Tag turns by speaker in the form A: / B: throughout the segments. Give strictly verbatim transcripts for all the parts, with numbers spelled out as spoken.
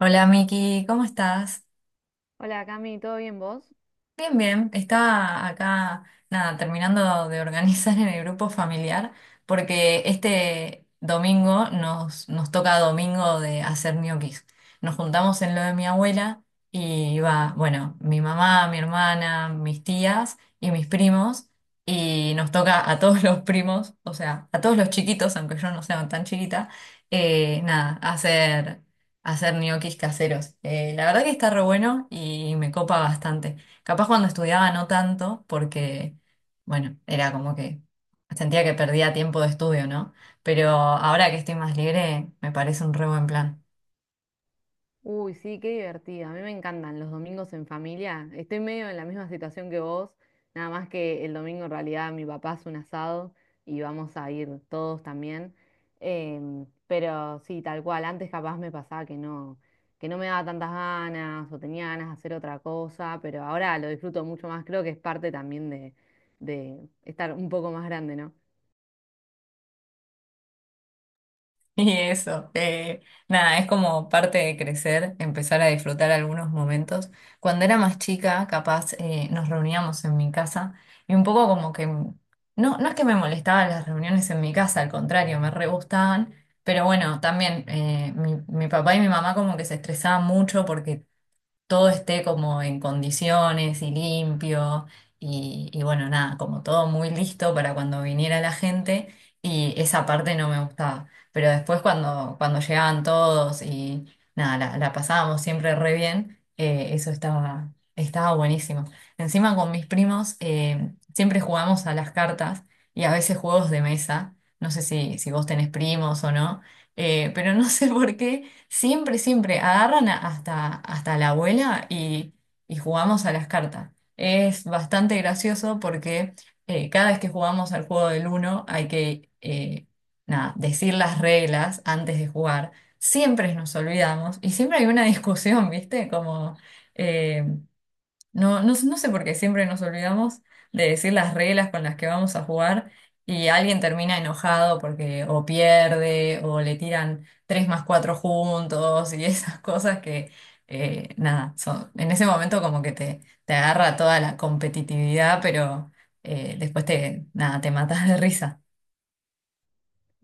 A: Hola Miki, ¿cómo estás?
B: Hola Cami, ¿todo bien vos?
A: Bien, bien, estaba acá, nada, terminando de organizar en el grupo familiar, porque este domingo nos, nos toca domingo de hacer ñoquis. Nos juntamos en lo de mi abuela y va, bueno, mi mamá, mi hermana, mis tías y mis primos, y nos toca a todos los primos, o sea, a todos los chiquitos, aunque yo no sea tan chiquita, eh, nada, hacer, hacer ñoquis caseros. Eh, la verdad que está re bueno y me copa bastante. Capaz cuando estudiaba no tanto, porque, bueno, era como que sentía que perdía tiempo de estudio, ¿no? Pero ahora que estoy más libre, me parece un re buen plan.
B: Uy, sí, qué divertida. A mí me encantan los domingos en familia. Estoy medio en la misma situación que vos, nada más que el domingo en realidad mi papá hace un asado y vamos a ir todos también. Em, pero sí, tal cual, antes capaz me pasaba que no, que no me daba tantas ganas o tenía ganas de hacer otra cosa, pero ahora lo disfruto mucho más. Creo que es parte también de, de estar un poco más grande, ¿no?
A: Y eso, eh, nada, es como parte de crecer, empezar a disfrutar algunos momentos. Cuando era más chica, capaz eh, nos reuníamos en mi casa y un poco como que, no, no es que me molestaban las reuniones en mi casa, al contrario, me re gustaban. Pero bueno, también eh, mi, mi papá y mi mamá como que se estresaban mucho porque todo esté como en condiciones y limpio y, y bueno, nada, como todo muy listo para cuando viniera la gente y esa parte no me gustaba. Pero después cuando, cuando llegaban todos y nada, la, la pasábamos siempre re bien, eh, eso estaba, estaba buenísimo. Encima con mis primos eh, siempre jugamos a las cartas y a veces juegos de mesa. No sé si, si vos tenés primos o no, eh, pero no sé por qué. Siempre, siempre agarran a- hasta, hasta la abuela y, y jugamos a las cartas. Es bastante gracioso porque eh, cada vez que jugamos al juego del uno hay que eh, nada, decir las reglas antes de jugar. Siempre nos olvidamos y siempre hay una discusión, ¿viste? Como eh, no, no, no sé por qué siempre nos olvidamos de decir las reglas con las que vamos a jugar y alguien termina enojado porque o pierde o le tiran tres más cuatro juntos y esas cosas que, eh, nada, son, en ese momento como que te, te agarra toda la competitividad, pero eh, después te, nada, te matas de risa.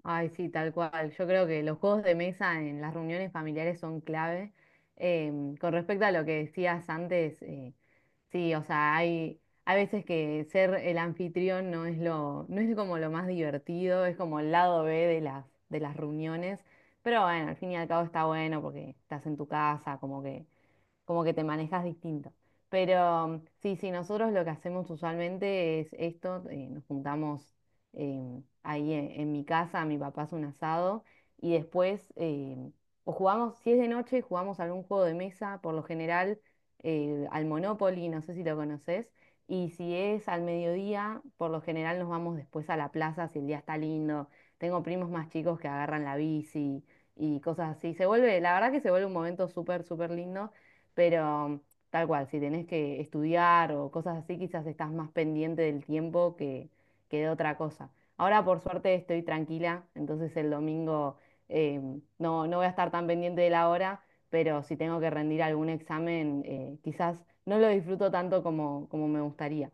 B: Ay, sí, tal cual. Yo creo que los juegos de mesa en las reuniones familiares son clave. Em, con respecto a lo que decías antes, eh, sí, o sea, hay, hay veces que ser el anfitrión no es lo, no es como lo más divertido, es como el lado B de las, de las reuniones. Pero bueno, al fin y al cabo está bueno porque estás en tu casa, como que como que te manejas distinto. Pero mm, sí, sí, nosotros lo que hacemos usualmente es esto, eh, nos juntamos eh, ahí en, en mi casa, mi papá hace un asado y después eh, o jugamos, si es de noche, jugamos algún juego de mesa, por lo general eh, al Monopoly, no sé si lo conoces, y si es al mediodía, por lo general nos vamos después a la plaza si el día está lindo. Tengo primos más chicos que agarran la bici y cosas así. Se vuelve, la verdad que se vuelve un momento súper, súper lindo, pero tal cual, si tenés que estudiar o cosas así, quizás estás más pendiente del tiempo que, que de otra cosa. Ahora, por suerte, estoy tranquila, entonces el domingo eh, no, no voy a estar tan pendiente de la hora, pero si tengo que rendir algún examen, eh, quizás no lo disfruto tanto como, como me gustaría.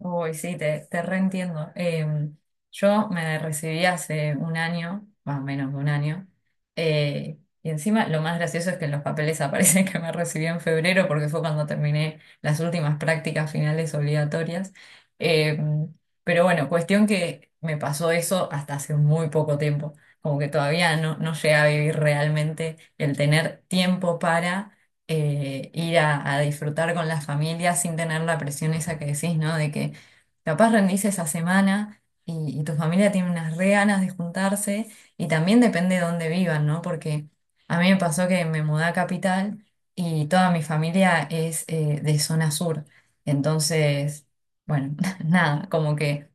A: Uy, sí, te, te reentiendo. Em, yo me recibí hace un año, más o menos de un año, eh, y encima lo más gracioso es que en los papeles aparece que me recibí en febrero porque fue cuando terminé las últimas prácticas finales obligatorias. Em, pero bueno, cuestión que me pasó eso hasta hace muy poco tiempo, como que todavía no, no llegué a vivir realmente el tener tiempo para eh, ir a, a disfrutar con la familia sin tener la presión esa que decís, ¿no? De que capaz rendís esa semana y, y tu familia tiene unas re ganas de juntarse y también depende de dónde vivan, ¿no? Porque a mí me pasó que me mudé a Capital y toda mi familia es eh, de zona sur. Entonces, bueno, nada, como que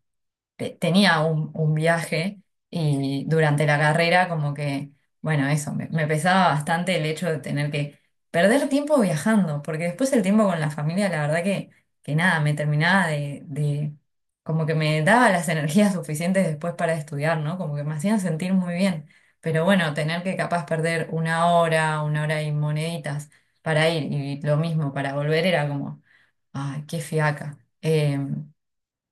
A: te- tenía un, un viaje y durante la carrera como que, bueno, eso, me, me pesaba bastante el hecho de tener que perder tiempo viajando, porque después el tiempo con la familia, la verdad que, que nada, me terminaba de, de, como que me daba las energías suficientes después para estudiar, ¿no? Como que me hacían sentir muy bien. Pero bueno, tener que capaz perder una hora, una hora y moneditas para ir y lo mismo para volver era como, ay, qué fiaca. Eh,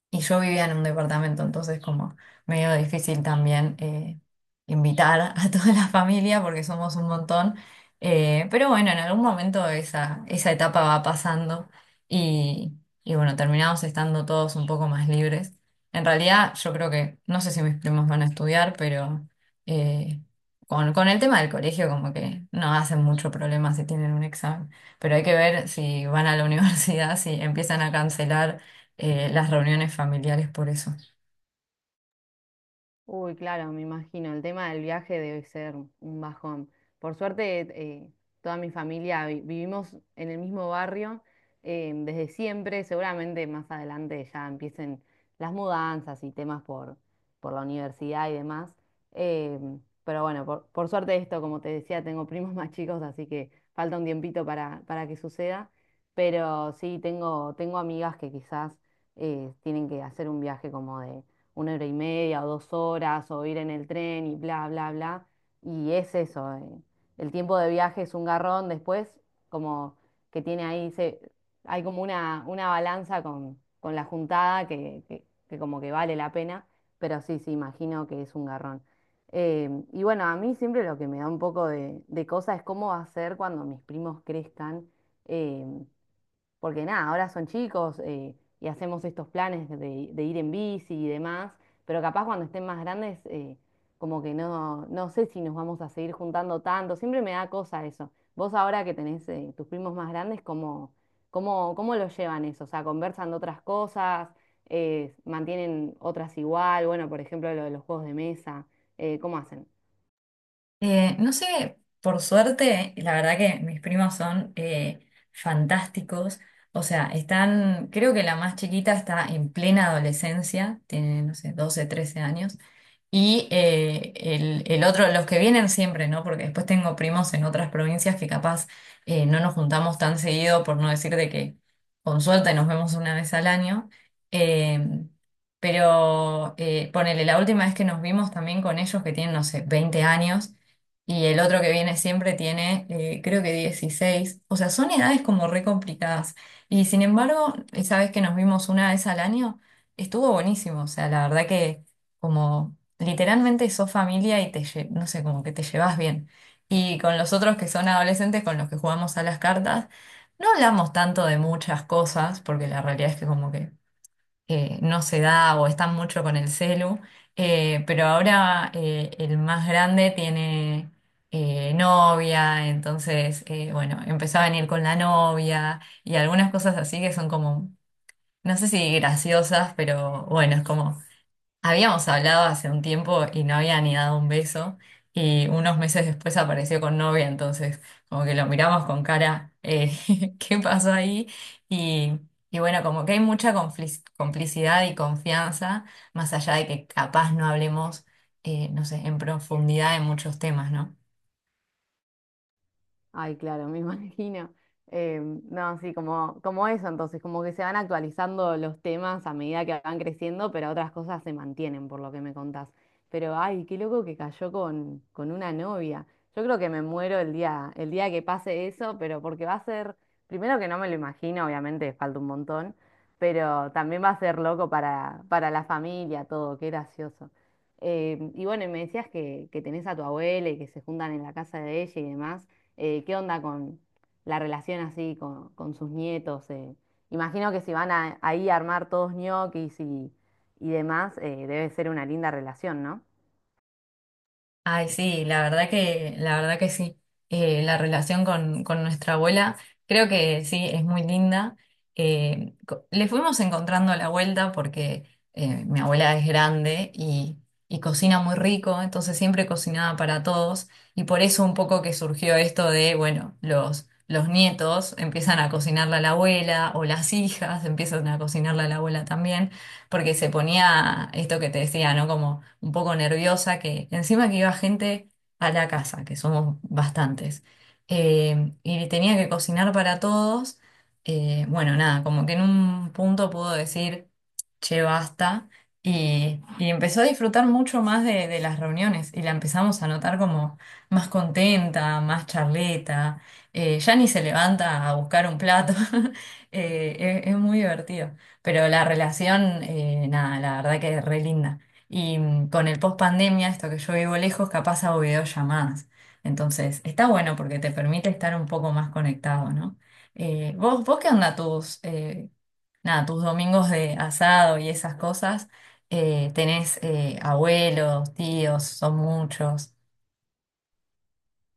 A: Y yo vivía en un departamento, entonces como medio difícil también eh, invitar a toda la familia porque somos un montón. Eh, pero bueno, en algún momento esa, esa etapa va pasando y, y bueno, terminamos estando todos un poco más libres. En realidad yo creo que, no sé si mis primos van a estudiar, pero eh, con, con el tema del colegio como que no hacen mucho problema si tienen un examen. Pero hay que ver si van a la universidad, si empiezan a cancelar eh, las reuniones familiares por eso.
B: Uy, claro, me imagino. El tema del viaje debe ser un bajón. Por suerte, eh, toda mi familia vi- vivimos en el mismo barrio eh, desde siempre. Seguramente más adelante ya empiecen las mudanzas y temas por, por la universidad y demás. Eh, pero bueno, por, por suerte esto, como te decía, tengo primos más chicos, así que falta un tiempito para, para que suceda. Pero sí, tengo, tengo amigas que quizás eh, tienen que hacer un viaje como de una hora y media o dos horas o ir en el tren y bla, bla, bla. Y es eso, eh, el tiempo de viaje es un garrón después, como que tiene ahí, se, hay como una, una balanza con, con la juntada que, que, que como que vale la pena, pero sí, sí, imagino que es un garrón. Eh, y bueno, a mí siempre lo que me da un poco de, de cosa es cómo va a ser cuando mis primos crezcan. eh, Porque nada, ahora son chicos eh, y hacemos estos planes de, de ir en bici y demás, pero capaz cuando estén más grandes, eh, como que no, no sé si nos vamos a seguir juntando tanto, siempre me da cosa eso. Vos ahora que tenés eh, tus primos más grandes, ¿cómo, cómo, cómo lo llevan eso? O sea, ¿conversan de otras cosas? Eh, ¿mantienen otras igual? Bueno, por ejemplo, lo de los juegos de mesa, eh, ¿cómo hacen?
A: Eh, no sé, por suerte, la verdad que mis primos son eh, fantásticos. O sea, están, creo que la más chiquita está en plena adolescencia, tiene, no sé, doce trece años. Y eh, el, el otro, los que vienen siempre, ¿no? Porque después tengo primos en otras provincias que capaz eh, no nos juntamos tan seguido, por no decir de que con suerte nos vemos una vez al año. Em, pero eh, ponele, la última vez que nos vimos también con ellos que tienen, no sé, veinte años. Y el otro que viene siempre tiene, eh, creo que dieciséis. O sea, son edades como re complicadas. Y sin embargo, esa vez que nos vimos una vez al año, estuvo buenísimo. O sea, la verdad que como literalmente sos familia y te, lle- no sé, como que te llevas bien. Y con los otros que son adolescentes con los que jugamos a las cartas, no hablamos tanto de muchas cosas, porque la realidad es que como que eh, no se da o están mucho con el celu, eh, pero ahora eh, el más grande tiene eh, novia, entonces, eh, bueno, empezó a venir con la novia y algunas cosas así que son como, no sé si graciosas, pero bueno, es como habíamos hablado hace un tiempo y no había ni dado un beso y unos meses después apareció con novia, entonces como que lo miramos con cara, eh, ¿qué pasó ahí? Y, y bueno, como que hay mucha conflic- complicidad y confianza, más allá de que capaz no hablemos, eh, no sé, en profundidad de muchos temas, ¿no?
B: Ay, claro, me imagino. Eh, no, sí, como, como eso, entonces, como que se van actualizando los temas a medida que van creciendo, pero otras cosas se mantienen, por lo que me contás. Pero, ay, qué loco que cayó con, con una novia. Yo creo que me muero el día, el día que pase eso, pero porque va a ser, primero que no me lo imagino, obviamente falta un montón, pero también va a ser loco para, para la familia, todo, qué gracioso. Eh, y bueno, y me decías que, que tenés a tu abuela y que se juntan en la casa de ella y demás, eh, ¿qué onda con la relación así con, con sus nietos? ¿eh? Imagino que si van a- ahí a armar todos ñoquis y, y demás, eh, debe ser una linda relación, ¿no?
A: Ay, sí, la verdad que, la verdad que sí. Eh, la relación con, con nuestra abuela, creo que sí, es muy linda. Eh, co- le fuimos encontrando la vuelta porque eh, mi abuela es grande y, y cocina muy rico, entonces siempre cocinaba para todos. Y por eso un poco que surgió esto de, bueno, los, los nietos empiezan a cocinarle a la abuela o las hijas empiezan a cocinarle a la abuela también porque se ponía esto que te decía, ¿no? Como un poco nerviosa, que encima que iba gente a la casa, que somos bastantes, eh, y tenía que cocinar para todos. Eh, bueno, nada, como que en un punto pudo decir, che, basta. Y, y empezó a disfrutar mucho más de, de las reuniones y la empezamos a notar como más contenta, más charleta, eh, ya ni se levanta a buscar un plato. Eh, es es muy divertido. Pero la relación, eh, nada, la verdad que es re linda. Y mm, con el post pandemia, esto que yo vivo lejos, capaz hago videollamadas. Entonces, está bueno porque te permite estar un poco más conectado, ¿no? Eh, ¿vos, vos qué onda tus, eh, nada, tus domingos de asado y esas cosas? Eh, ¿tenés eh, abuelos, tíos, son muchos?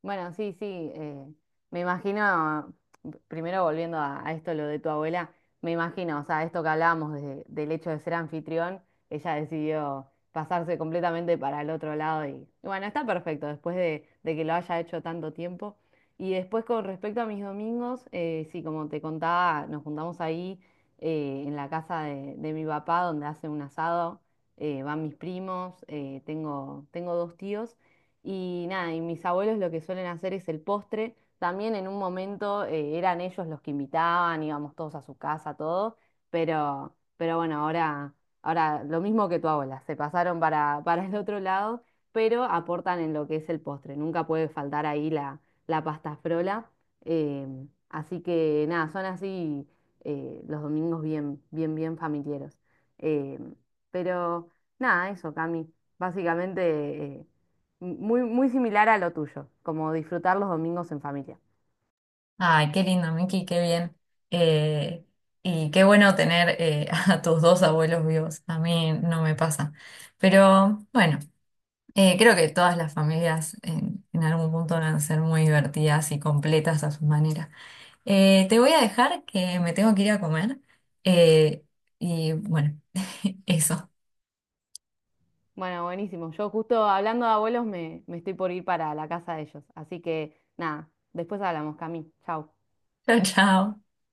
B: Bueno, sí, sí, eh, me imagino, primero volviendo a, a esto, lo de tu abuela, me imagino, o sea, esto que hablábamos de- del hecho de ser anfitrión, ella decidió pasarse completamente para el otro lado y, y bueno, está perfecto después de, de que lo haya hecho tanto tiempo. Y después con respecto a mis domingos, eh, sí, como te contaba, nos juntamos ahí eh, en la casa de, de mi papá donde hace un asado, eh, van mis primos, eh, tengo, tengo dos tíos. Y nada, y mis abuelos lo que suelen hacer es el postre. También en un momento eh, eran ellos los que invitaban, íbamos todos a su casa, todos, pero, pero bueno, ahora, ahora lo mismo que tu abuela, se pasaron para, para el otro lado, pero aportan en lo que es el postre. Nunca puede faltar ahí la, la pasta frola. eh, Así que nada, son así eh, los domingos bien, bien, bien familiares. Eh, pero nada, eso, Cami. Básicamente eh, muy, muy similar a lo tuyo, como disfrutar los domingos en familia.
A: Ay, qué lindo, Miki, qué bien. Eh, y qué bueno tener eh, a tus dos abuelos vivos. A mí no me pasa. Pero bueno, eh, creo que todas las familias en, en algún punto van a ser muy divertidas y completas a su manera. Eh, te voy a dejar que me tengo que ir a comer. Eh, y bueno, eso.
B: Bueno, buenísimo. Yo justo hablando de abuelos me, me estoy por ir para la casa de ellos. Así que nada, después hablamos, Cami. Chau.
A: Chao, chao.